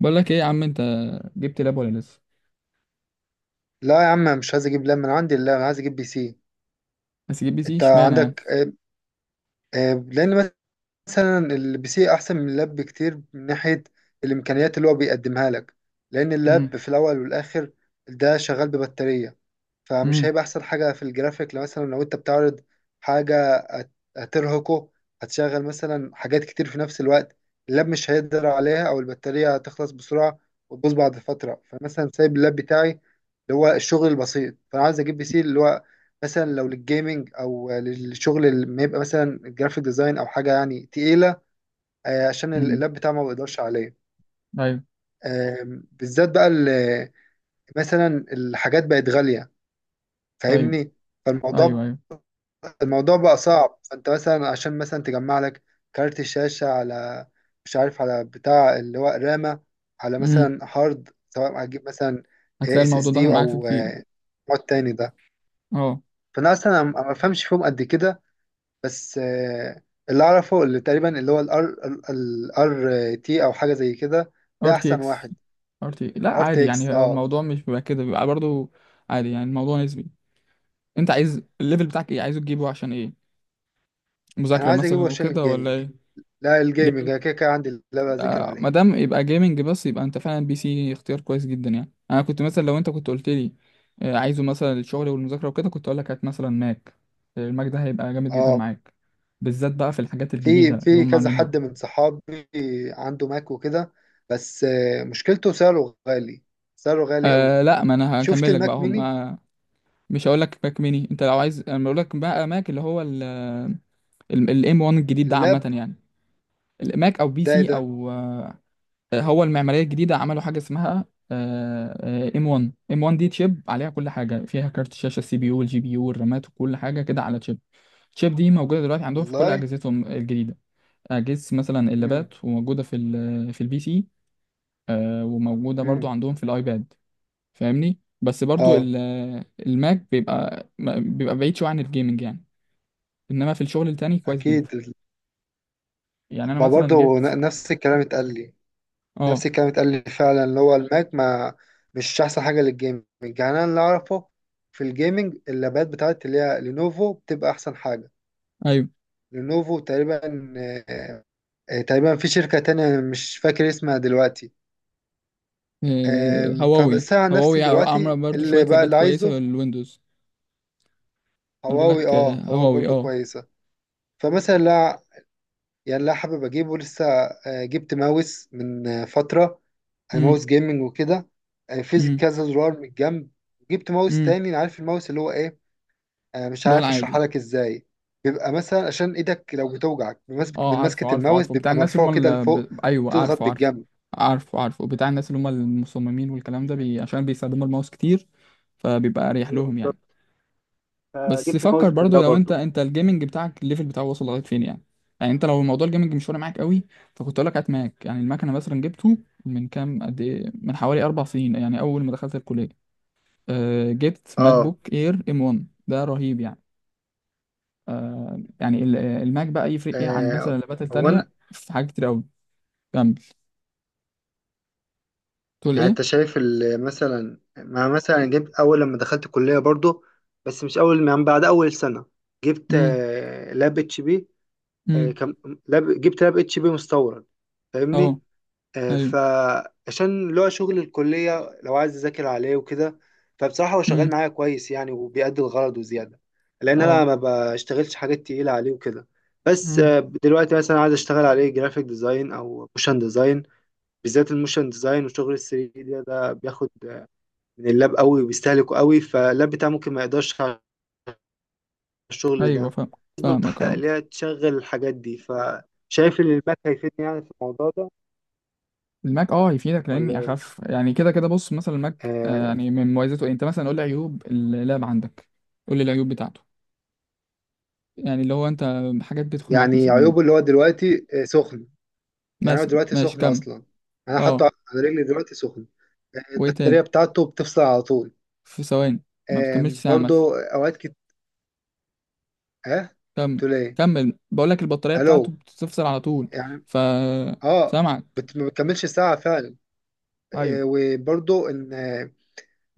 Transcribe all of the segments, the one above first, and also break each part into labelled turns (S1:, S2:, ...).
S1: بقول لك ايه يا عم، انت جبت لاب ولا لسه؟
S2: لا يا عم، مش عايز اجيب لاب من عندي. لا، انا عايز اجيب بي سي.
S1: بس جيب بي سي
S2: انت
S1: اشمعنى يعني؟
S2: عندك. لان مثلا البي سي احسن من اللاب بكتير من ناحيه الامكانيات اللي هو بيقدمها لك، لان
S1: امم.
S2: اللاب في الاول والاخر ده شغال ببطاريه. فمش
S1: امم.
S2: هيبقى احسن حاجه في الجرافيك لو مثلا لو انت بتعرض حاجه هترهقه، هتشغل مثلا حاجات كتير في نفس الوقت. اللاب مش هيقدر عليها، او البطاريه هتخلص بسرعه وتبوظ بعد فتره. فمثلا سايب اللاب بتاعي اللي هو الشغل البسيط، فانا عايز اجيب بي سي، اللي هو مثلا لو للجيمنج او للشغل اللي ما يبقى مثلا جرافيك ديزاين او حاجه يعني تقيله. عشان
S1: امم.
S2: اللاب بتاعي ما بيقدرش عليه.
S1: ايوه.
S2: بالذات بقى مثلا الحاجات بقت غاليه،
S1: ايوه.
S2: فاهمني.
S1: ايوه.
S2: فالموضوع
S1: ايوه.
S2: الموضوع بقى صعب. فانت مثلا عشان مثلا تجمع لك كارت الشاشة على، مش عارف، على بتاع اللي هو رامة، على
S1: امم.
S2: مثلا هارد. سواء هتجيب مثلا
S1: هتلاقي
S2: اس اس
S1: الموضوع
S2: دي
S1: داخل معاك في
S2: او
S1: كتير.
S2: مواد تاني ده.
S1: اه.
S2: فانا اصلا أنا ما بفهمش فيهم قد كده، بس اللي اعرفه اللي تقريبا اللي هو الار تي او حاجة زي كده،
S1: ار
S2: ده
S1: تي
S2: احسن
S1: اكس.
S2: واحد.
S1: ار تي لا
S2: ار تي
S1: عادي،
S2: اكس.
S1: يعني هو
S2: اه.
S1: الموضوع مش بيبقى كده، بيبقى برضو عادي، يعني الموضوع نسبي. انت عايز الليفل بتاعك ايه؟ عايزه تجيبه عشان ايه؟
S2: انا
S1: مذاكرة
S2: عايز اجيبه
S1: مثلا
S2: عشان
S1: وكده
S2: الجيمنج.
S1: ولا
S2: لا، الجيمنج
S1: ايه؟
S2: انا كده كده عندي اللي بذاكر
S1: ما
S2: عليه.
S1: دام يبقى جيمنج بس، يبقى انت فعلا بي سي اختيار كويس جدا يعني. انا كنت مثلا لو انت كنت قلت لي عايزه مثلا الشغل والمذاكره وكده، كنت اقول لك هات مثلا ماك. الماك ده هيبقى جامد جدا
S2: اه.
S1: معاك، بالذات بقى في الحاجات
S2: في
S1: الجديده اللي
S2: في
S1: هم
S2: كذا
S1: عاملينها.
S2: حد من صحابي عنده ماك وكده، بس مشكلته سعره غالي، سعره غالي قوي.
S1: أه لا، ما انا
S2: شفت
S1: هكمل لك
S2: الماك
S1: بقى هم.
S2: ميني؟
S1: مش هقول لك ماك ميني، انت لو عايز انا بقول لك بقى ماك اللي هو الام 1 الجديد ده، عامه
S2: اللاب
S1: يعني. الماك او بي
S2: ده إيه
S1: سي
S2: ده؟
S1: او هو المعمارية الجديدة عملوا حاجة اسمها آه، ام 1. ام 1 دي تشيب عليها كل حاجة، فيها كارت الشاشة، السي بي يو والجي بي يو والرامات وكل حاجة كده على تشيب. التشيب دي موجودة دلوقتي عندهم في كل
S2: والله.
S1: أجهزتهم الجديدة. أجهزة مثلا
S2: امم.
S1: اللابات، وموجودة في البي سي. وموجودة برضو
S2: امم.
S1: عندهم في الأيباد. فاهمني. بس برضو
S2: اه.
S1: الماك بيبقى بعيد شوية عن الجيمنج يعني. إنما في الشغل التاني كويس جدا
S2: اكيد
S1: يعني. أنا
S2: ما
S1: مثلا
S2: برضه
S1: جبت.
S2: نفس الكلام اتقال لي.
S1: اه.
S2: نفس الكلام اتقال لي فعلا. اللي هو الماك ما مش احسن حاجه للجيمنج. يعني انا اللي اعرفه في الجيمنج اللابات بتاعت اللي هي لينوفو بتبقى احسن حاجه.
S1: أيوه.
S2: لينوفو تقريبا، في شركة تانية مش فاكر اسمها دلوقتي.
S1: هواوي
S2: فبس أنا عن نفسي
S1: هواوي عامله
S2: دلوقتي
S1: برضو
S2: اللي
S1: شويه
S2: بقى
S1: لابات
S2: اللي
S1: كويسه
S2: عايزه،
S1: للويندوز. انا بقول
S2: هواوي،
S1: لك
S2: اه، هواوي
S1: هواوي.
S2: برضو
S1: اه.
S2: كويسة. فمثلا لا، يعني لا حابب أجيبه لسه. جبت ماوس من فترة،
S1: امم.
S2: ماوس جيمنج وكده. في
S1: امم.
S2: كذا زرار من الجنب. جبت ماوس
S1: امم.
S2: تاني. عارف الماوس اللي هو ايه؟ مش
S1: اللي هو
S2: عارف اشرحها
S1: العادي.
S2: لك ازاي. بيبقى مثلا عشان ايدك لو بتوجعك،
S1: اه،
S2: من
S1: عارفه
S2: مسكة
S1: عارفه
S2: الماوس
S1: عارفه، بتاع
S2: بيبقى
S1: الناس اللي
S2: مرفوع
S1: هم
S2: كده لفوق،
S1: ايوه
S2: وبتضغط
S1: عارفه عارفه.
S2: بالجنب.
S1: عارفه عارفه بتاع الناس اللي هم المصممين والكلام ده، عشان بيستخدموا الماوس كتير، فبيبقى اريح
S2: ايوه
S1: لهم
S2: بالظبط.
S1: يعني. بس
S2: فجبت ماوس
S1: فكر
S2: من ده
S1: برضو، لو انت
S2: برضه.
S1: انت الجيمنج بتاعك الليفل بتاعه وصل لغايه فين يعني. يعني انت لو موضوع الجيمنج مش فارق معاك قوي، فكنت اقول لك هات ماك يعني. المكنه مثلا جبته من كام، قد ايه، من حوالي 4 سنين، يعني اول ما دخلت الكليه. جبت ماك
S2: اه.
S1: بوك اير ام 1، ده رهيب يعني. الماك بقى يفرق ايه عن بس
S2: آه،
S1: اللابات
S2: هو انا،
S1: التانية في حاجات كتير قوي. كمل. تقول
S2: يعني
S1: ايه؟
S2: انت شايف مثلا ما مثلا جبت اول لما دخلت الكليه برضو، بس مش اول، من بعد اول سنه جبت
S1: امم.
S2: لاب اتش بي. آه،
S1: امم.
S2: كم لاب جبت لاب اتش بي مستورد، فاهمني.
S1: اه. ايوه.
S2: فعشان اللي هو شغل الكليه، لو عايز اذاكر عليه وكده فبصراحه هو شغال
S1: امم.
S2: معايا كويس يعني، وبيأدي الغرض وزياده، لان انا
S1: اه.
S2: ما بشتغلش حاجات تقيله عليه وكده. بس
S1: امم.
S2: دلوقتي مثلا عايز اشتغل عليه جرافيك ديزاين او موشن ديزاين، بالذات الموشن ديزاين. وشغل ال 3 دي ده بياخد من اللاب قوي وبيستهلكه قوي، فاللاب بتاعه ممكن ما يقدرش على الشغل
S1: ايوه.
S2: ده.
S1: فاهم. فاهمك،
S2: بتحقق
S1: اه.
S2: ليها تشغل الحاجات دي، فشايف ان الماك هيفيدني يعني في الموضوع ده،
S1: الماك اه هيفيدك
S2: ولا
S1: لاني
S2: ايه؟
S1: اخف يعني. كده كده بص، مثلا الماك
S2: آه.
S1: يعني من مميزاته إيه؟ انت مثلا قول لي عيوب اللاب عندك. قول لي العيوب بتاعته، يعني اللي هو انت حاجات بتخنقك
S2: يعني
S1: مثلا منه.
S2: عيوبه، اللي هو دلوقتي سخن. يعني هو
S1: مثلا
S2: دلوقتي
S1: ماشي،
S2: سخن
S1: كمل.
S2: اصلا. انا
S1: اه.
S2: حاطه على رجلي دلوقتي سخن.
S1: وايه
S2: البطاريه
S1: تاني؟
S2: بتاعته بتفصل على طول.
S1: في ثواني؟ ما بتكملش
S2: آه،
S1: ساعة مثلا؟
S2: برضو اوقات اه.
S1: كمل.
S2: تقول ايه؟
S1: كمل، بقول لك البطارية بتاعته
S2: الو.
S1: بتفصل على طول.
S2: يعني،
S1: ف
S2: اه.
S1: سامعك.
S2: ما بتكملش ساعه فعلا.
S1: ايوه.
S2: وبرضو ان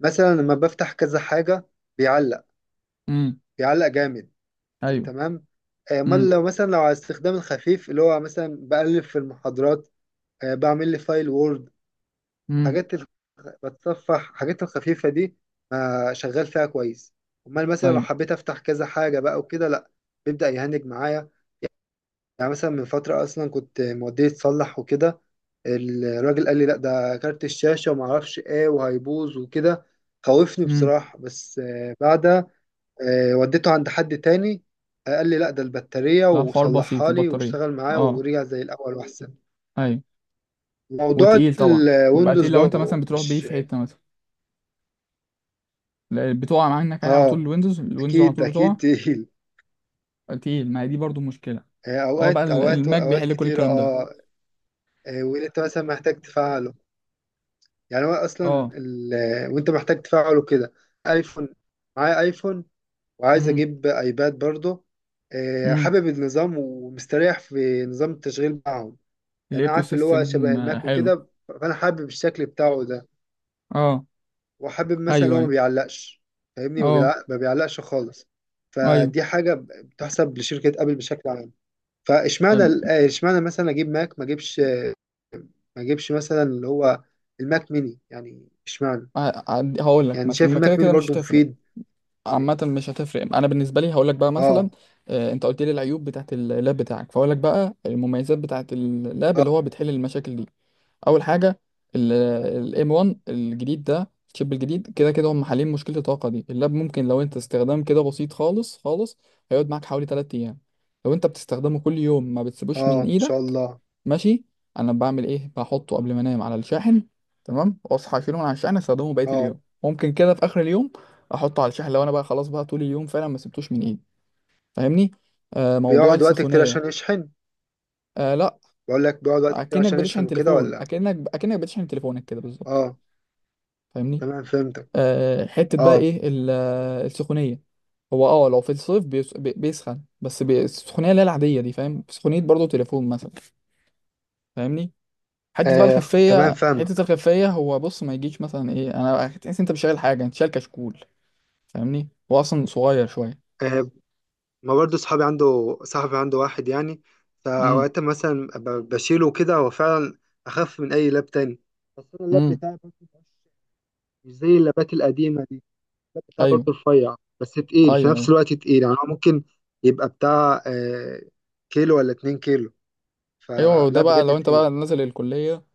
S2: مثلا لما بفتح كذا حاجة بيعلق.
S1: امم.
S2: بيعلق جامد.
S1: ايوه.
S2: تمام. امال
S1: امم.
S2: لو مثلا لو على استخدام الخفيف اللي هو مثلا بألف في المحاضرات، بعمل لي فايل وورد.
S1: امم.
S2: حاجات الخ- بتصفح حاجات الخفيفة دي. شغال فيها كويس. امال مثلا لو
S1: ايوه.
S2: حبيت افتح كذا حاجة بقى وكده، لا، بيبدأ يهنج معايا. يعني مثلا من فترة أصلا كنت موديه يتصلح وكده، الراجل قال لي لأ ده كارت الشاشة وما أعرفش إيه وهيبوظ وكده. خوفني
S1: امم.
S2: بصراحة، بس بعدها وديته عند حد تاني، قال لي لأ ده البطارية،
S1: لا، الحوار بسيط،
S2: وصلحها لي
S1: البطارية.
S2: واشتغل معايا
S1: اه.
S2: ورجع زي الأول وأحسن.
S1: ايوه،
S2: موضوع
S1: وتقيل طبعا. ويبقى
S2: الويندوز
S1: تقيل لو انت مثلا
S2: برضه
S1: بتروح بيه
S2: مش.
S1: في حتة مثلا. لا، بتقع منك يعني على طول،
S2: آه.
S1: الويندوز. الويندوز على
S2: أكيد
S1: طول بتقع.
S2: أكيد تقيل.
S1: تقيل، ما هي دي برضو مشكلة. هو بقى
S2: أوقات أوقات
S1: الماك
S2: أوقات
S1: بيحل كل
S2: كتير.
S1: الكلام ده.
S2: آه. واللي أنت مثلا محتاج تفعله، يعني هو اصلا
S1: اه.
S2: ال... وانت محتاج تفعله كده. ايفون، معايا ايفون، وعايز
S1: امم.
S2: اجيب ايباد برضه.
S1: امم.
S2: حابب النظام ومستريح في نظام التشغيل معاهم. يعني انا
S1: الايكو
S2: عارف اللي هو شبه
S1: سيستم
S2: الماك
S1: حلو.
S2: وكده، فانا حابب الشكل بتاعه ده.
S1: اه.
S2: وحابب مثلا اللي
S1: ايوه.
S2: هو ما
S1: ايوه.
S2: بيعلقش، فاهمني.
S1: اه.
S2: ما بيعلقش خالص.
S1: ايوه.
S2: فدي حاجة بتحسب لشركة ابل بشكل عام. فاشمعنى اشمعنى مثلا اجيب ماك ما اجيبش مثلا اللي هو الماك ميني، يعني اشمعنى؟
S1: هقول لك
S2: يعني
S1: مثلا،
S2: شايف
S1: ما كده
S2: الماك ميني
S1: كده مش
S2: برضو
S1: هتفرق.
S2: مفيد.
S1: عامة مش هتفرق. انا بالنسبة لي هقول لك بقى مثلا
S2: اه.
S1: انت قلت لي العيوب بتاعت اللاب بتاعك، فهقول لك بقى المميزات بتاعت اللاب اللي
S2: اه.
S1: هو بتحل المشاكل دي. اول حاجة، الام 1 الجديد ده، الشيب الجديد، كده كده هم حالين مشكلة الطاقة دي. اللاب ممكن لو انت استخدام كده بسيط خالص خالص، هيقعد معاك حوالي 3 ايام. لو انت بتستخدمه كل يوم، ما بتسيبوش
S2: اه
S1: من
S2: ان شاء
S1: ايدك.
S2: الله.
S1: ماشي. انا بعمل ايه؟ بحطه قبل ما انام على الشاحن، تمام، واصحى اشيله من على الشاحن، استخدمه بقيه
S2: اه.
S1: اليوم، ممكن كده في اخر اليوم احطه على الشاحن. لو
S2: مم.
S1: انا بقى خلاص بقى طول اليوم فعلا ما سبتوش من ايدي، فاهمني. آه، موضوع
S2: بيقعد وقت كتير
S1: السخونيه.
S2: عشان يشحن؟
S1: آه لا،
S2: بقول لك بيقعد وقت كتير
S1: اكنك
S2: عشان يشحن
S1: بتشحن
S2: وكده
S1: تليفون،
S2: ولا؟
S1: اكنك بتشحن تليفونك كده بالظبط،
S2: اه،
S1: فاهمني.
S2: تمام فهمتك.
S1: حته بقى
S2: اه،
S1: ايه السخونيه؟ هو اه لو في الصيف بيسخن بس، السخونيه اللي هي العاديه دي، فاهم؟ سخونيه برضه تليفون مثلا، فاهمني. حته بقى
S2: آه. تمام
S1: الخفيه،
S2: فاهمك.
S1: حته الخفيه، هو بص ما يجيش مثلا ايه، انا تحس انت مش شايل حاجه، انت شايل كشكول، فاهمني. هو اصلا صغير شويه.
S2: آه. ما برضو صحابي عنده، صاحبي عنده واحد يعني،
S1: امم.
S2: فأوقات مثلا بشيله كده. هو فعلا أخف من أي لاب تاني، بس أنا اللاب
S1: امم.
S2: بتاعي برضو مش زي اللابات القديمة دي. بتاع برضه
S1: ايوه.
S2: رفيع بس
S1: ايوه.
S2: تقيل، في نفس
S1: ايوه.
S2: الوقت تقيل يعني. هو ممكن يبقى بتاع كيلو ولا 2 كيلو.
S1: ايوه. ده
S2: فلا
S1: بقى
S2: بجد
S1: لو انت
S2: تقيل.
S1: بقى نازل الكليه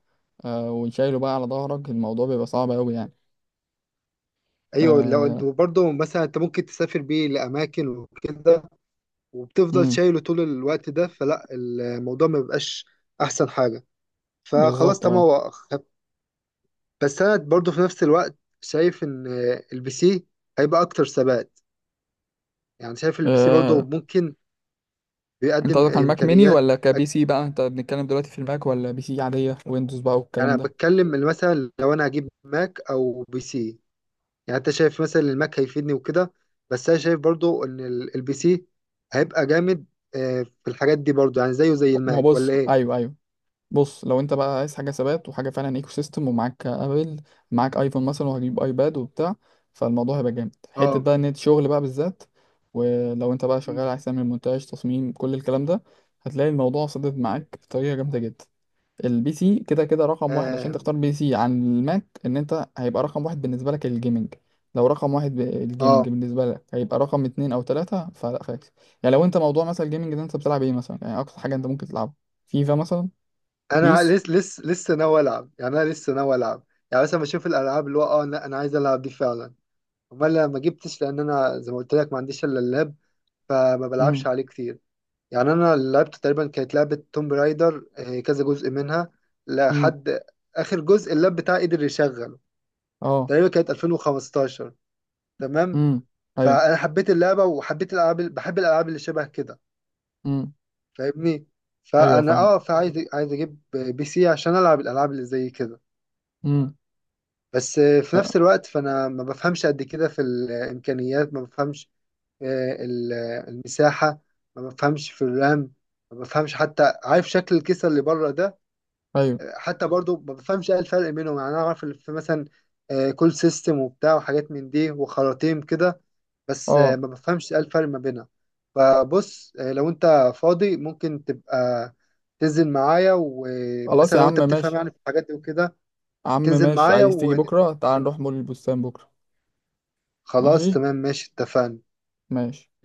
S1: وشايله بقى على ظهرك، الموضوع بيبقى صعب قوي يعني.
S2: ايوه لو
S1: آه.
S2: وبرضه مثلا انت ممكن تسافر بيه لاماكن وكده وبتفضل
S1: امم.
S2: شايله طول الوقت ده، فلا الموضوع ما بيبقاش احسن حاجه. فخلاص
S1: بالظبط،
S2: تمام
S1: اه.
S2: هو بس انا برضه في نفس الوقت شايف ان البي سي هيبقى اكتر ثبات. يعني شايف البي سي برضه
S1: آه،
S2: ممكن
S1: انت
S2: بيقدم
S1: قصدك على الماك ميني
S2: امكانيات.
S1: ولا كبي سي بقى؟ انت بنتكلم دلوقتي في الماك ولا بي سي عاديه ويندوز بقى
S2: يعني
S1: والكلام
S2: انا
S1: ده؟
S2: بتكلم إن مثلا لو انا هجيب ماك او بي سي، يعني انت شايف مثلا إن الماك هيفيدني وكده، بس انا شايف برضو ان البي سي هيبقى جامد في الحاجات دي برضو، يعني زيه زي
S1: ما هو
S2: الماك،
S1: بص،
S2: ولا ايه؟
S1: ايوه ايوه. بص، لو انت بقى عايز حاجه ثبات وحاجه فعلا ايكو سيستم، ومعاك ابل، معاك ايفون مثلا وهجيب ايباد وبتاع، فالموضوع هيبقى جامد. حته
S2: اه.
S1: بقى نت شغل بقى بالذات. ولو انت بقى شغال
S2: مم.
S1: عايز تعمل مونتاج، تصميم، كل الكلام ده، هتلاقي الموضوع صدد
S2: مم.
S1: معاك بطريقه جامده جدا. البي سي كده كده رقم واحد، عشان
S2: اه.
S1: تختار بي سي عن الماك ان انت هيبقى رقم واحد بالنسبه لك الجيمنج. لو رقم واحد الجيمنج
S2: آه.
S1: بالنسبه لك، هيبقى رقم اتنين او تلاته فلا خلاص. يعني لو انت موضوع مثلا الجيمنج ده انت بتلعب ايه مثلا يعني اقصى حاجه انت ممكن تلعبها؟ فيفا مثلا؟
S2: انا
S1: بيس؟
S2: لسه لسه لسه ناوي العب، يعني انا لسه ناوي العب. يعني مثلا بشوف الالعاب اللي هو. اه. لا، انا عايز العب دي فعلا. امال أنا ما جبتش، لان انا زي ما قلت لك ما عنديش الا اللاب، فما
S1: امم.
S2: بلعبش عليه كتير. يعني انا لعبت تقريبا كانت لعبه توم رايدر، كذا جزء منها،
S1: امم.
S2: لحد اخر جزء اللاب بتاعي قدر يشغله.
S1: اه.
S2: تقريبا كانت 2015. تمام.
S1: امم. ايوه.
S2: فانا حبيت اللعبه وحبيت الالعاب، بحب الالعاب اللي شبه كده،
S1: امم.
S2: فاهمني.
S1: ايوه.
S2: فانا،
S1: فاهم.
S2: اه، عايز اجيب بي سي عشان العب الالعاب اللي زي كده.
S1: امم.
S2: بس في
S1: آه.
S2: نفس الوقت فانا ما بفهمش قد كده في الامكانيات. ما بفهمش آه، ال- المساحه. ما بفهمش في الرام. ما بفهمش حتى. عارف شكل الكيسه اللي بره ده؟
S1: ايوه.
S2: حتى برضو ما بفهمش ايه الفرق بينهم. يعني انا اعرف اللي في مثلا كول سيستم وبتاع وحاجات من دي وخراطيم كده، بس
S1: اه،
S2: ما بفهمش ايه الفرق ما بينها. فبص، لو انت فاضي ممكن تبقى تنزل معايا،
S1: خلاص
S2: ومثلا
S1: يا
S2: لو
S1: عم
S2: انت بتفهم
S1: ماشي.
S2: يعني في الحاجات دي وكده
S1: يا عم
S2: تنزل
S1: ماشي،
S2: معايا
S1: عايز تيجي بكره؟ تعال
S2: ون...
S1: نروح مول البستان بكره.
S2: خلاص
S1: ماشي.
S2: تمام ماشي، اتفقنا.
S1: ماشي.